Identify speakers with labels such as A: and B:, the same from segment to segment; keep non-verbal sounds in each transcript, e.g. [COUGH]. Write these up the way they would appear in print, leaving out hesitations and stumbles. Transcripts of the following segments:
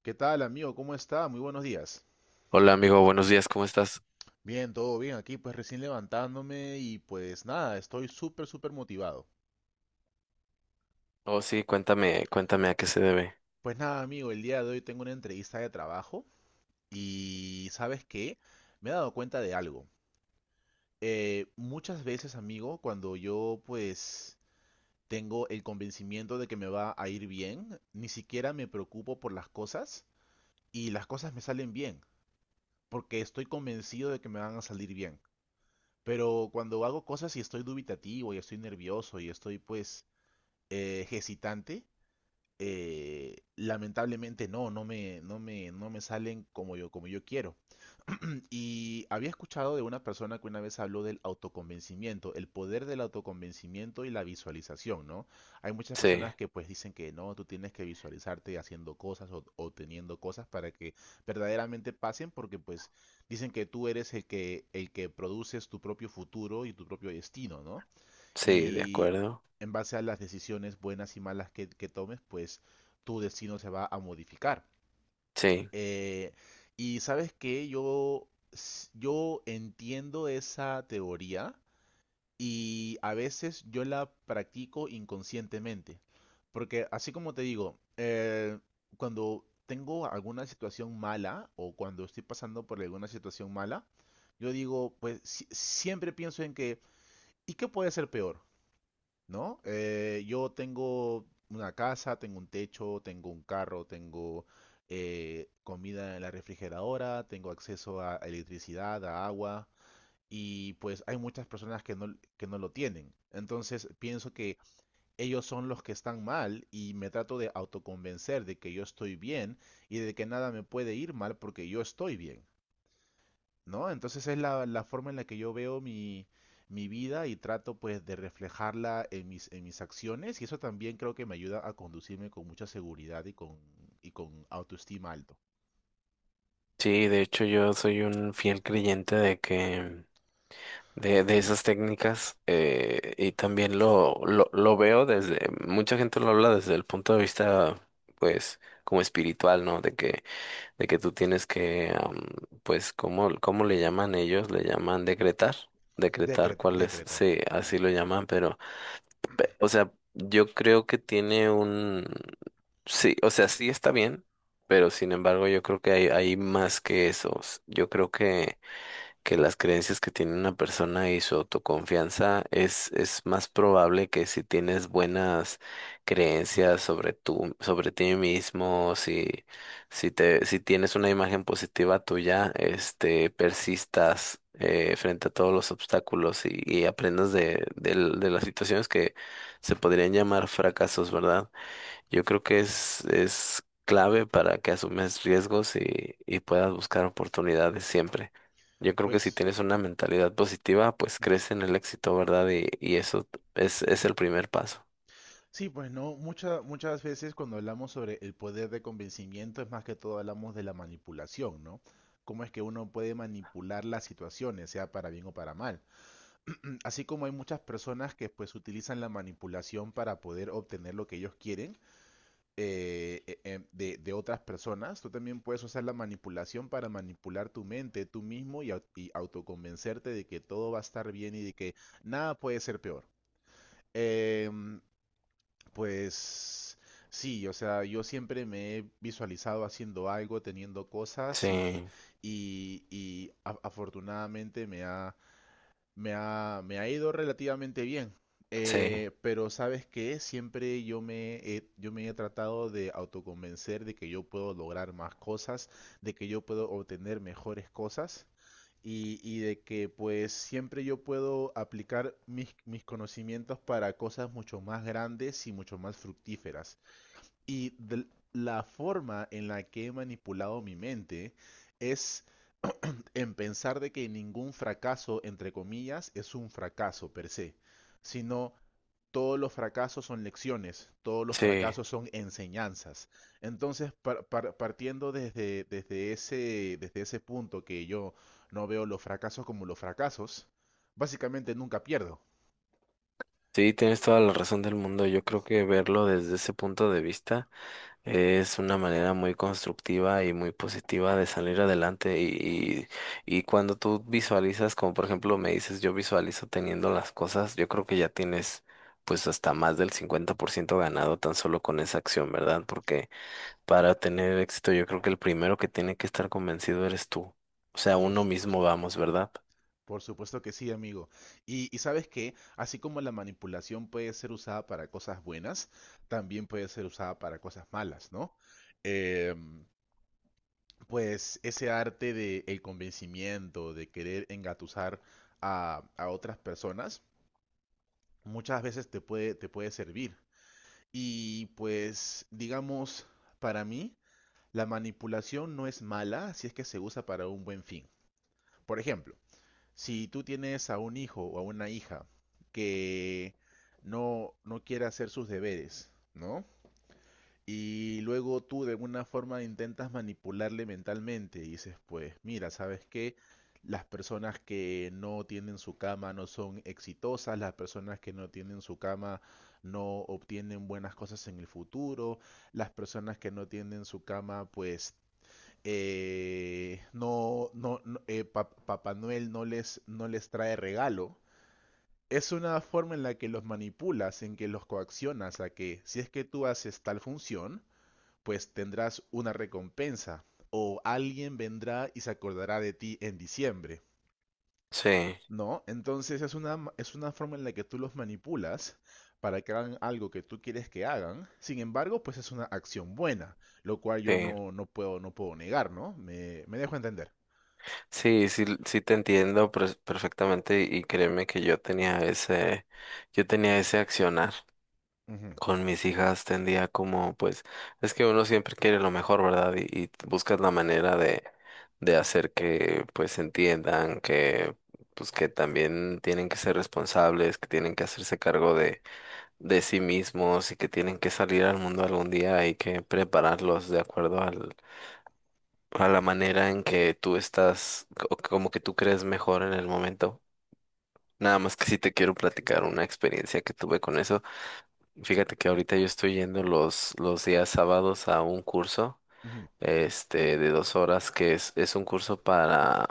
A: ¿Qué tal, amigo? ¿Cómo está? Muy buenos días.
B: Hola amigo, buenos días, ¿cómo estás?
A: Bien, todo bien aquí, pues recién levantándome y pues nada, estoy súper, súper motivado.
B: Oh, sí, cuéntame, cuéntame a qué se debe.
A: Pues nada, amigo, el día de hoy tengo una entrevista de trabajo y ¿sabes qué? Me he dado cuenta de algo. Muchas veces, amigo, cuando yo pues tengo el convencimiento de que me va a ir bien, ni siquiera me preocupo por las cosas y las cosas me salen bien, porque estoy convencido de que me van a salir bien. Pero cuando hago cosas y estoy dubitativo y estoy nervioso y estoy pues hesitante, lamentablemente no me salen como yo quiero. Y había escuchado de una persona que una vez habló del autoconvencimiento, el poder del autoconvencimiento y la visualización, ¿no? Hay muchas
B: Sí,
A: personas que pues dicen que no, tú tienes que visualizarte haciendo cosas o teniendo cosas para que verdaderamente pasen, porque pues dicen que tú eres el que produces tu propio futuro y tu propio destino, ¿no?
B: sí, de
A: Y
B: acuerdo.
A: en base a las decisiones buenas y malas que tomes, pues tu destino se va a modificar.
B: Sí,
A: Eh, y sabes que yo entiendo esa teoría y a veces yo la practico inconscientemente. Porque así como te digo, cuando tengo alguna situación mala o cuando estoy pasando por alguna situación mala, yo digo, pues siempre pienso en que, ¿y qué puede ser peor? ¿No? Yo tengo una casa, tengo un techo, tengo un carro, tengo comida en la refrigeradora, tengo acceso a electricidad, a agua, y pues hay muchas personas que no lo tienen. Entonces pienso que ellos son los que están mal y me trato de autoconvencer de que yo estoy bien y de que nada me puede ir mal porque yo estoy bien. ¿No? Entonces es la forma en la que yo veo mi, mi vida y trato pues de reflejarla en mis acciones y eso también creo que me ayuda a conducirme con mucha seguridad y con autoestima alto.
B: sí, de hecho yo soy un fiel creyente de esas técnicas, y también lo veo mucha gente lo habla desde el punto de vista, pues, como espiritual, ¿no? De que tú tienes que, pues, ¿cómo le llaman ellos? Le llaman decretar, decretar cuál es,
A: Decretar.
B: sí,
A: Mm.
B: así lo llaman, pero o sea, yo creo que tiene un. Sí, o sea, sí está bien, pero sin embargo yo creo que hay más que esos. Yo creo que las creencias que tiene una persona y su autoconfianza es más probable que si tienes buenas creencias sobre tú, sobre ti mismo, si tienes una imagen positiva tuya, persistas, frente a todos los obstáculos y aprendas de las situaciones que se podrían llamar fracasos, ¿verdad? Yo creo que es clave para que asumes riesgos y puedas buscar oportunidades siempre. Yo creo que si
A: Pues...
B: tienes una mentalidad positiva, pues
A: Ujú.
B: crees en el éxito, ¿verdad? Y eso es el primer paso.
A: Sí, pues no, muchas veces cuando hablamos sobre el poder de convencimiento es más que todo hablamos de la manipulación, ¿no? Cómo es que uno puede manipular las situaciones, sea para bien o para mal. [CLEARS THROAT] Así como hay muchas personas que pues utilizan la manipulación para poder obtener lo que ellos quieren de otras personas, tú también puedes usar la manipulación para manipular tu mente tú mismo y, y autoconvencerte de que todo va a estar bien y de que nada puede ser peor. Em, pues sí, o sea, yo siempre me he visualizado haciendo algo, teniendo cosas y,
B: Sí,
A: afortunadamente me ha ido relativamente bien,
B: sí,
A: pero ¿sabes que siempre yo yo me he tratado de autoconvencer de que yo puedo lograr más cosas, de que yo puedo obtener mejores cosas y de que pues siempre yo puedo aplicar mis, mis conocimientos para cosas mucho más grandes y mucho más fructíferas. Y de la forma en la que he manipulado mi mente es [CLEARS THROAT] en pensar de que ningún fracaso, entre comillas, es un fracaso per se, sino todos los fracasos son lecciones, todos los
B: sí.
A: fracasos son enseñanzas. Entonces, partiendo desde ese punto que yo no veo los fracasos como los fracasos, básicamente nunca pierdo.
B: Sí, tienes toda la razón del mundo. Yo creo que verlo desde ese punto de vista. Es una manera muy constructiva y muy positiva de salir adelante y cuando tú visualizas, como por ejemplo me dices, yo visualizo teniendo las cosas, yo creo que ya tienes pues hasta más del 50% ganado tan solo con esa acción, ¿verdad? Porque para tener éxito yo creo que el primero que tiene que estar convencido eres tú. O sea,
A: Por
B: uno mismo
A: supuesto.
B: vamos, ¿verdad?
A: Por supuesto que sí, amigo. Y sabes que, así como la manipulación puede ser usada para cosas buenas, también puede ser usada para cosas malas, ¿no? Em, pues ese arte de el convencimiento, de querer engatusar a otras personas, muchas veces te puede servir. Y pues, digamos, para mí, la manipulación no es mala si es que se usa para un buen fin. Por ejemplo, si tú tienes a un hijo o a una hija que no quiere hacer sus deberes, ¿no? Y luego tú de alguna forma intentas manipularle mentalmente y dices, pues mira, ¿sabes qué? Las personas que no tienen su cama no son exitosas, las personas que no tienen su cama no obtienen buenas cosas en el futuro, las personas que no tienen su cama pues no, no, no pa Papá Noel no les trae regalo. Es una forma en la que los manipulas, en que los coaccionas a que si es que tú haces tal función, pues tendrás una recompensa o alguien vendrá y se acordará de ti en diciembre,
B: Sí,
A: ¿no? Entonces es es una forma en la que tú los manipulas para que hagan algo que tú quieres que hagan. Sin embargo, pues es una acción buena, lo cual yo
B: sí,
A: no puedo negar, ¿no? Me dejo entender.
B: sí, sí, sí te entiendo perfectamente y créeme que yo tenía ese accionar.
A: Ujú,
B: Con mis hijas tendía como, pues, es que uno siempre quiere lo mejor, ¿verdad? Y buscas la manera de hacer que, pues, entiendan que, pues, que también tienen que ser responsables, que tienen que hacerse cargo de sí mismos y que tienen que salir al mundo algún día. Hay que prepararlos de acuerdo a la manera en que tú estás, o como que tú crees mejor en el momento. Nada más que sí te quiero platicar una experiencia que tuve con eso. Fíjate que ahorita yo estoy yendo los días sábados a un curso,
A: ujú,
B: de 2 horas, que es un curso para,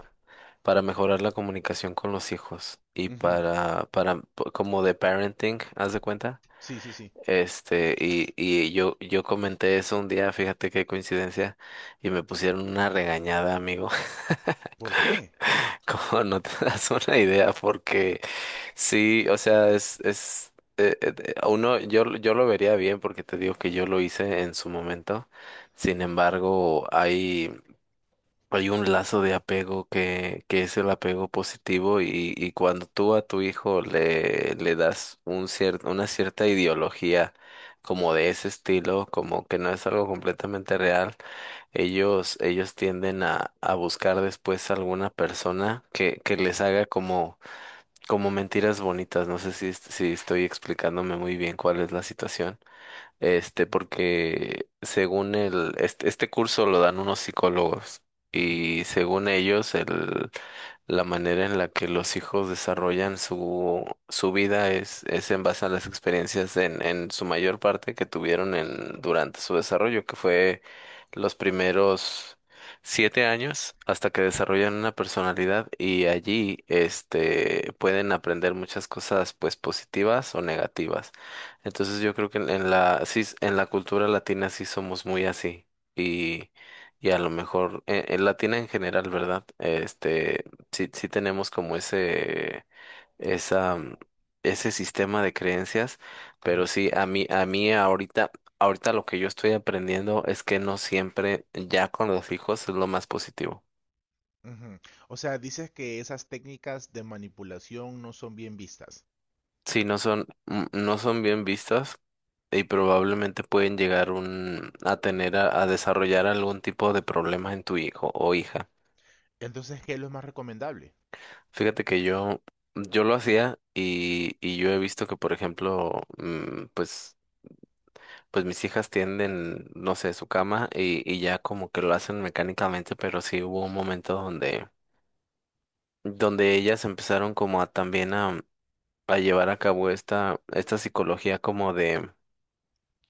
B: para mejorar la comunicación con los hijos y
A: ujú.
B: como de parenting, haz de cuenta.
A: Sí, sí, sí.
B: Y yo comenté eso un día, fíjate qué coincidencia, y me pusieron una regañada, amigo.
A: ¿Por qué?
B: [LAUGHS] Como no te das una idea, porque sí, o sea, es a uno, yo lo vería bien porque te digo que yo lo hice en su momento. Sin embargo, hay un lazo de apego que es el apego positivo y cuando tú a tu hijo le das una cierta ideología como de ese estilo, como que no es algo completamente real, ellos tienden a buscar después alguna persona que les haga como mentiras bonitas. No sé si estoy explicándome muy bien cuál es la situación. Porque según este curso lo dan unos psicólogos
A: Ujú,
B: y según ellos, la manera en la que los hijos desarrollan su vida es en base a las experiencias en su mayor parte que tuvieron durante su desarrollo, que fue los primeros 7 años hasta que desarrollan una personalidad y allí, pueden aprender muchas cosas, pues positivas o negativas. Entonces yo creo que en la cultura latina sí somos muy así y, y a lo mejor en latina en general, ¿verdad? Sí sí tenemos como esa mm, ese sistema de creencias,
A: ujú,
B: pero sí a mí ahorita lo que yo estoy aprendiendo es que no siempre ya con los hijos es lo más positivo.
A: ujú. O sea, dices que esas técnicas de manipulación no son bien vistas.
B: Sí, no son bien vistas y probablemente pueden llegar a tener a desarrollar algún tipo de problemas en tu hijo o hija.
A: Entonces, ¿qué es lo más recomendable?
B: Fíjate que yo lo hacía y yo he visto que, por ejemplo, pues mis hijas tienden, no sé, su cama y ya como que lo hacen mecánicamente, pero sí hubo un momento donde ellas empezaron como a también a llevar a cabo esta psicología como de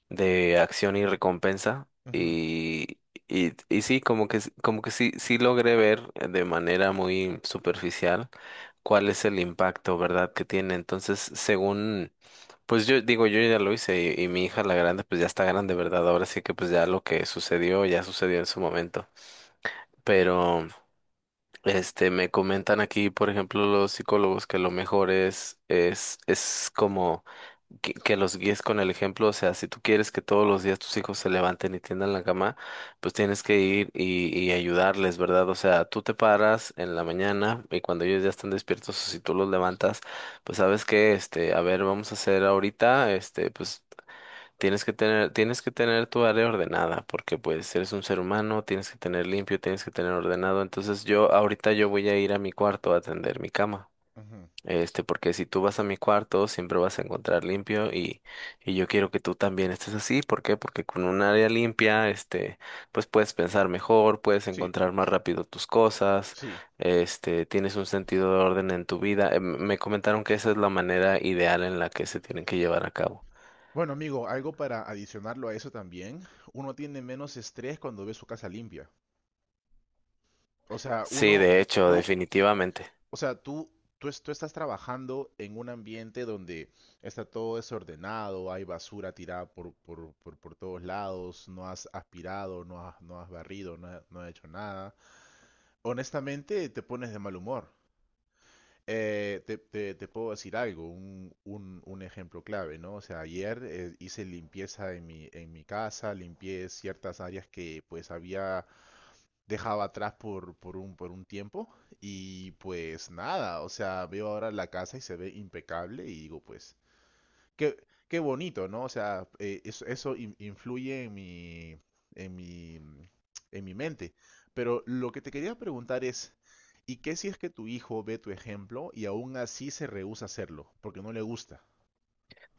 B: de acción y recompensa
A: Ujú,
B: y sí, como que sí, sí logré ver de manera muy superficial cuál es el impacto, ¿verdad? Que tiene. Entonces, según, pues yo digo, yo ya lo hice y mi hija la grande, pues ya está grande, ¿verdad? Ahora sí que pues ya lo que sucedió, ya sucedió en su momento. Pero, me comentan aquí, por ejemplo, los psicólogos que lo mejor es como que los guíes con el ejemplo, o sea, si tú quieres que todos los días tus hijos se levanten y tiendan la cama, pues tienes que ir y ayudarles, ¿verdad? O sea, tú te paras en la mañana y cuando ellos ya están despiertos, o si tú los levantas, pues sabes que, a ver, vamos a hacer ahorita, pues tienes que tener tu área ordenada, porque pues eres un ser humano, tienes que tener limpio, tienes que tener ordenado, entonces yo ahorita yo voy a ir a mi cuarto a atender mi cama.
A: ujú.
B: Porque si tú vas a mi cuarto, siempre vas a encontrar limpio y yo quiero que tú también estés así. ¿Por qué? Porque con un área limpia, pues puedes pensar mejor, puedes
A: Sí,
B: encontrar más rápido tus cosas,
A: sí.
B: tienes un sentido de orden en tu vida. Me comentaron que esa es la manera ideal en la que se tienen que llevar a cabo.
A: Bueno, amigo, algo para adicionarlo a eso también. Uno tiene menos estrés cuando ve su casa limpia. O sea,
B: Sí,
A: uno,
B: de hecho,
A: tú,
B: definitivamente.
A: Tú, tú, tú estás trabajando en un ambiente donde está todo desordenado, hay basura tirada por todos lados, no has aspirado, no has barrido, no has hecho nada. Honestamente, te pones de mal humor. Te puedo decir algo, un ejemplo clave, ¿no? O sea, ayer hice limpieza en mi casa, limpié ciertas áreas que pues había dejaba atrás por un tiempo y pues nada, o sea, veo ahora la casa y se ve impecable y digo pues, qué, qué bonito, ¿no? O sea, eso influye en mi, en mi, en mi mente. Pero lo que te quería preguntar es, ¿y qué si es que tu hijo ve tu ejemplo y aún así se rehúsa a hacerlo porque no le gusta?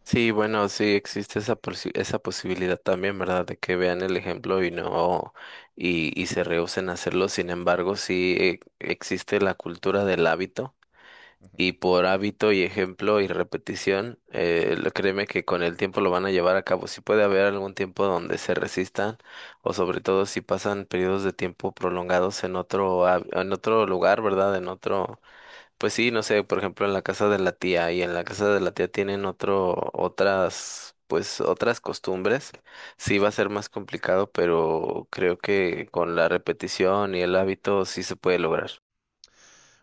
B: Sí, bueno, sí existe esa posibilidad también, ¿verdad? De que vean el ejemplo y no y se rehúsen a hacerlo. Sin embargo, sí existe la cultura del hábito y por hábito y ejemplo y repetición, créeme que con el tiempo lo van a llevar a cabo. Sí puede haber algún tiempo donde se resistan o sobre todo si pasan periodos de tiempo prolongados en otro lugar, ¿verdad? En otro Pues sí, no sé, por ejemplo, en la casa de la tía y en la casa de la tía tienen pues otras costumbres. Sí va a ser más complicado, pero creo que con la repetición y el hábito sí se puede lograr.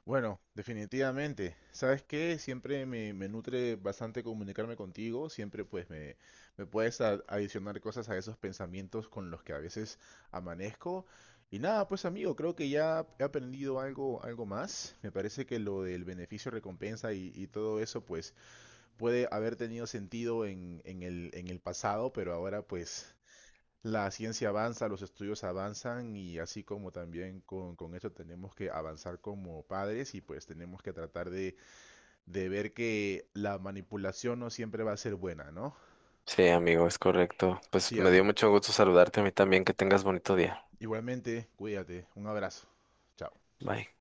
A: Bueno, definitivamente. ¿Sabes qué? Siempre me nutre bastante comunicarme contigo. Siempre pues me puedes adicionar cosas a esos pensamientos con los que a veces amanezco. Y nada, pues amigo, creo que ya he aprendido algo, algo más. Me parece que lo del beneficio-recompensa y todo eso pues puede haber tenido sentido en, en el pasado, pero ahora pues la ciencia avanza, los estudios avanzan y así como también con eso tenemos que avanzar como padres y pues tenemos que tratar de ver que la manipulación no siempre va a ser buena, ¿no?
B: Sí, amigo, es correcto. Pues
A: Sí,
B: me dio
A: amigo.
B: mucho gusto saludarte a mí también. Que tengas bonito día.
A: Igualmente, cuídate. Un abrazo. Chao.
B: Bye.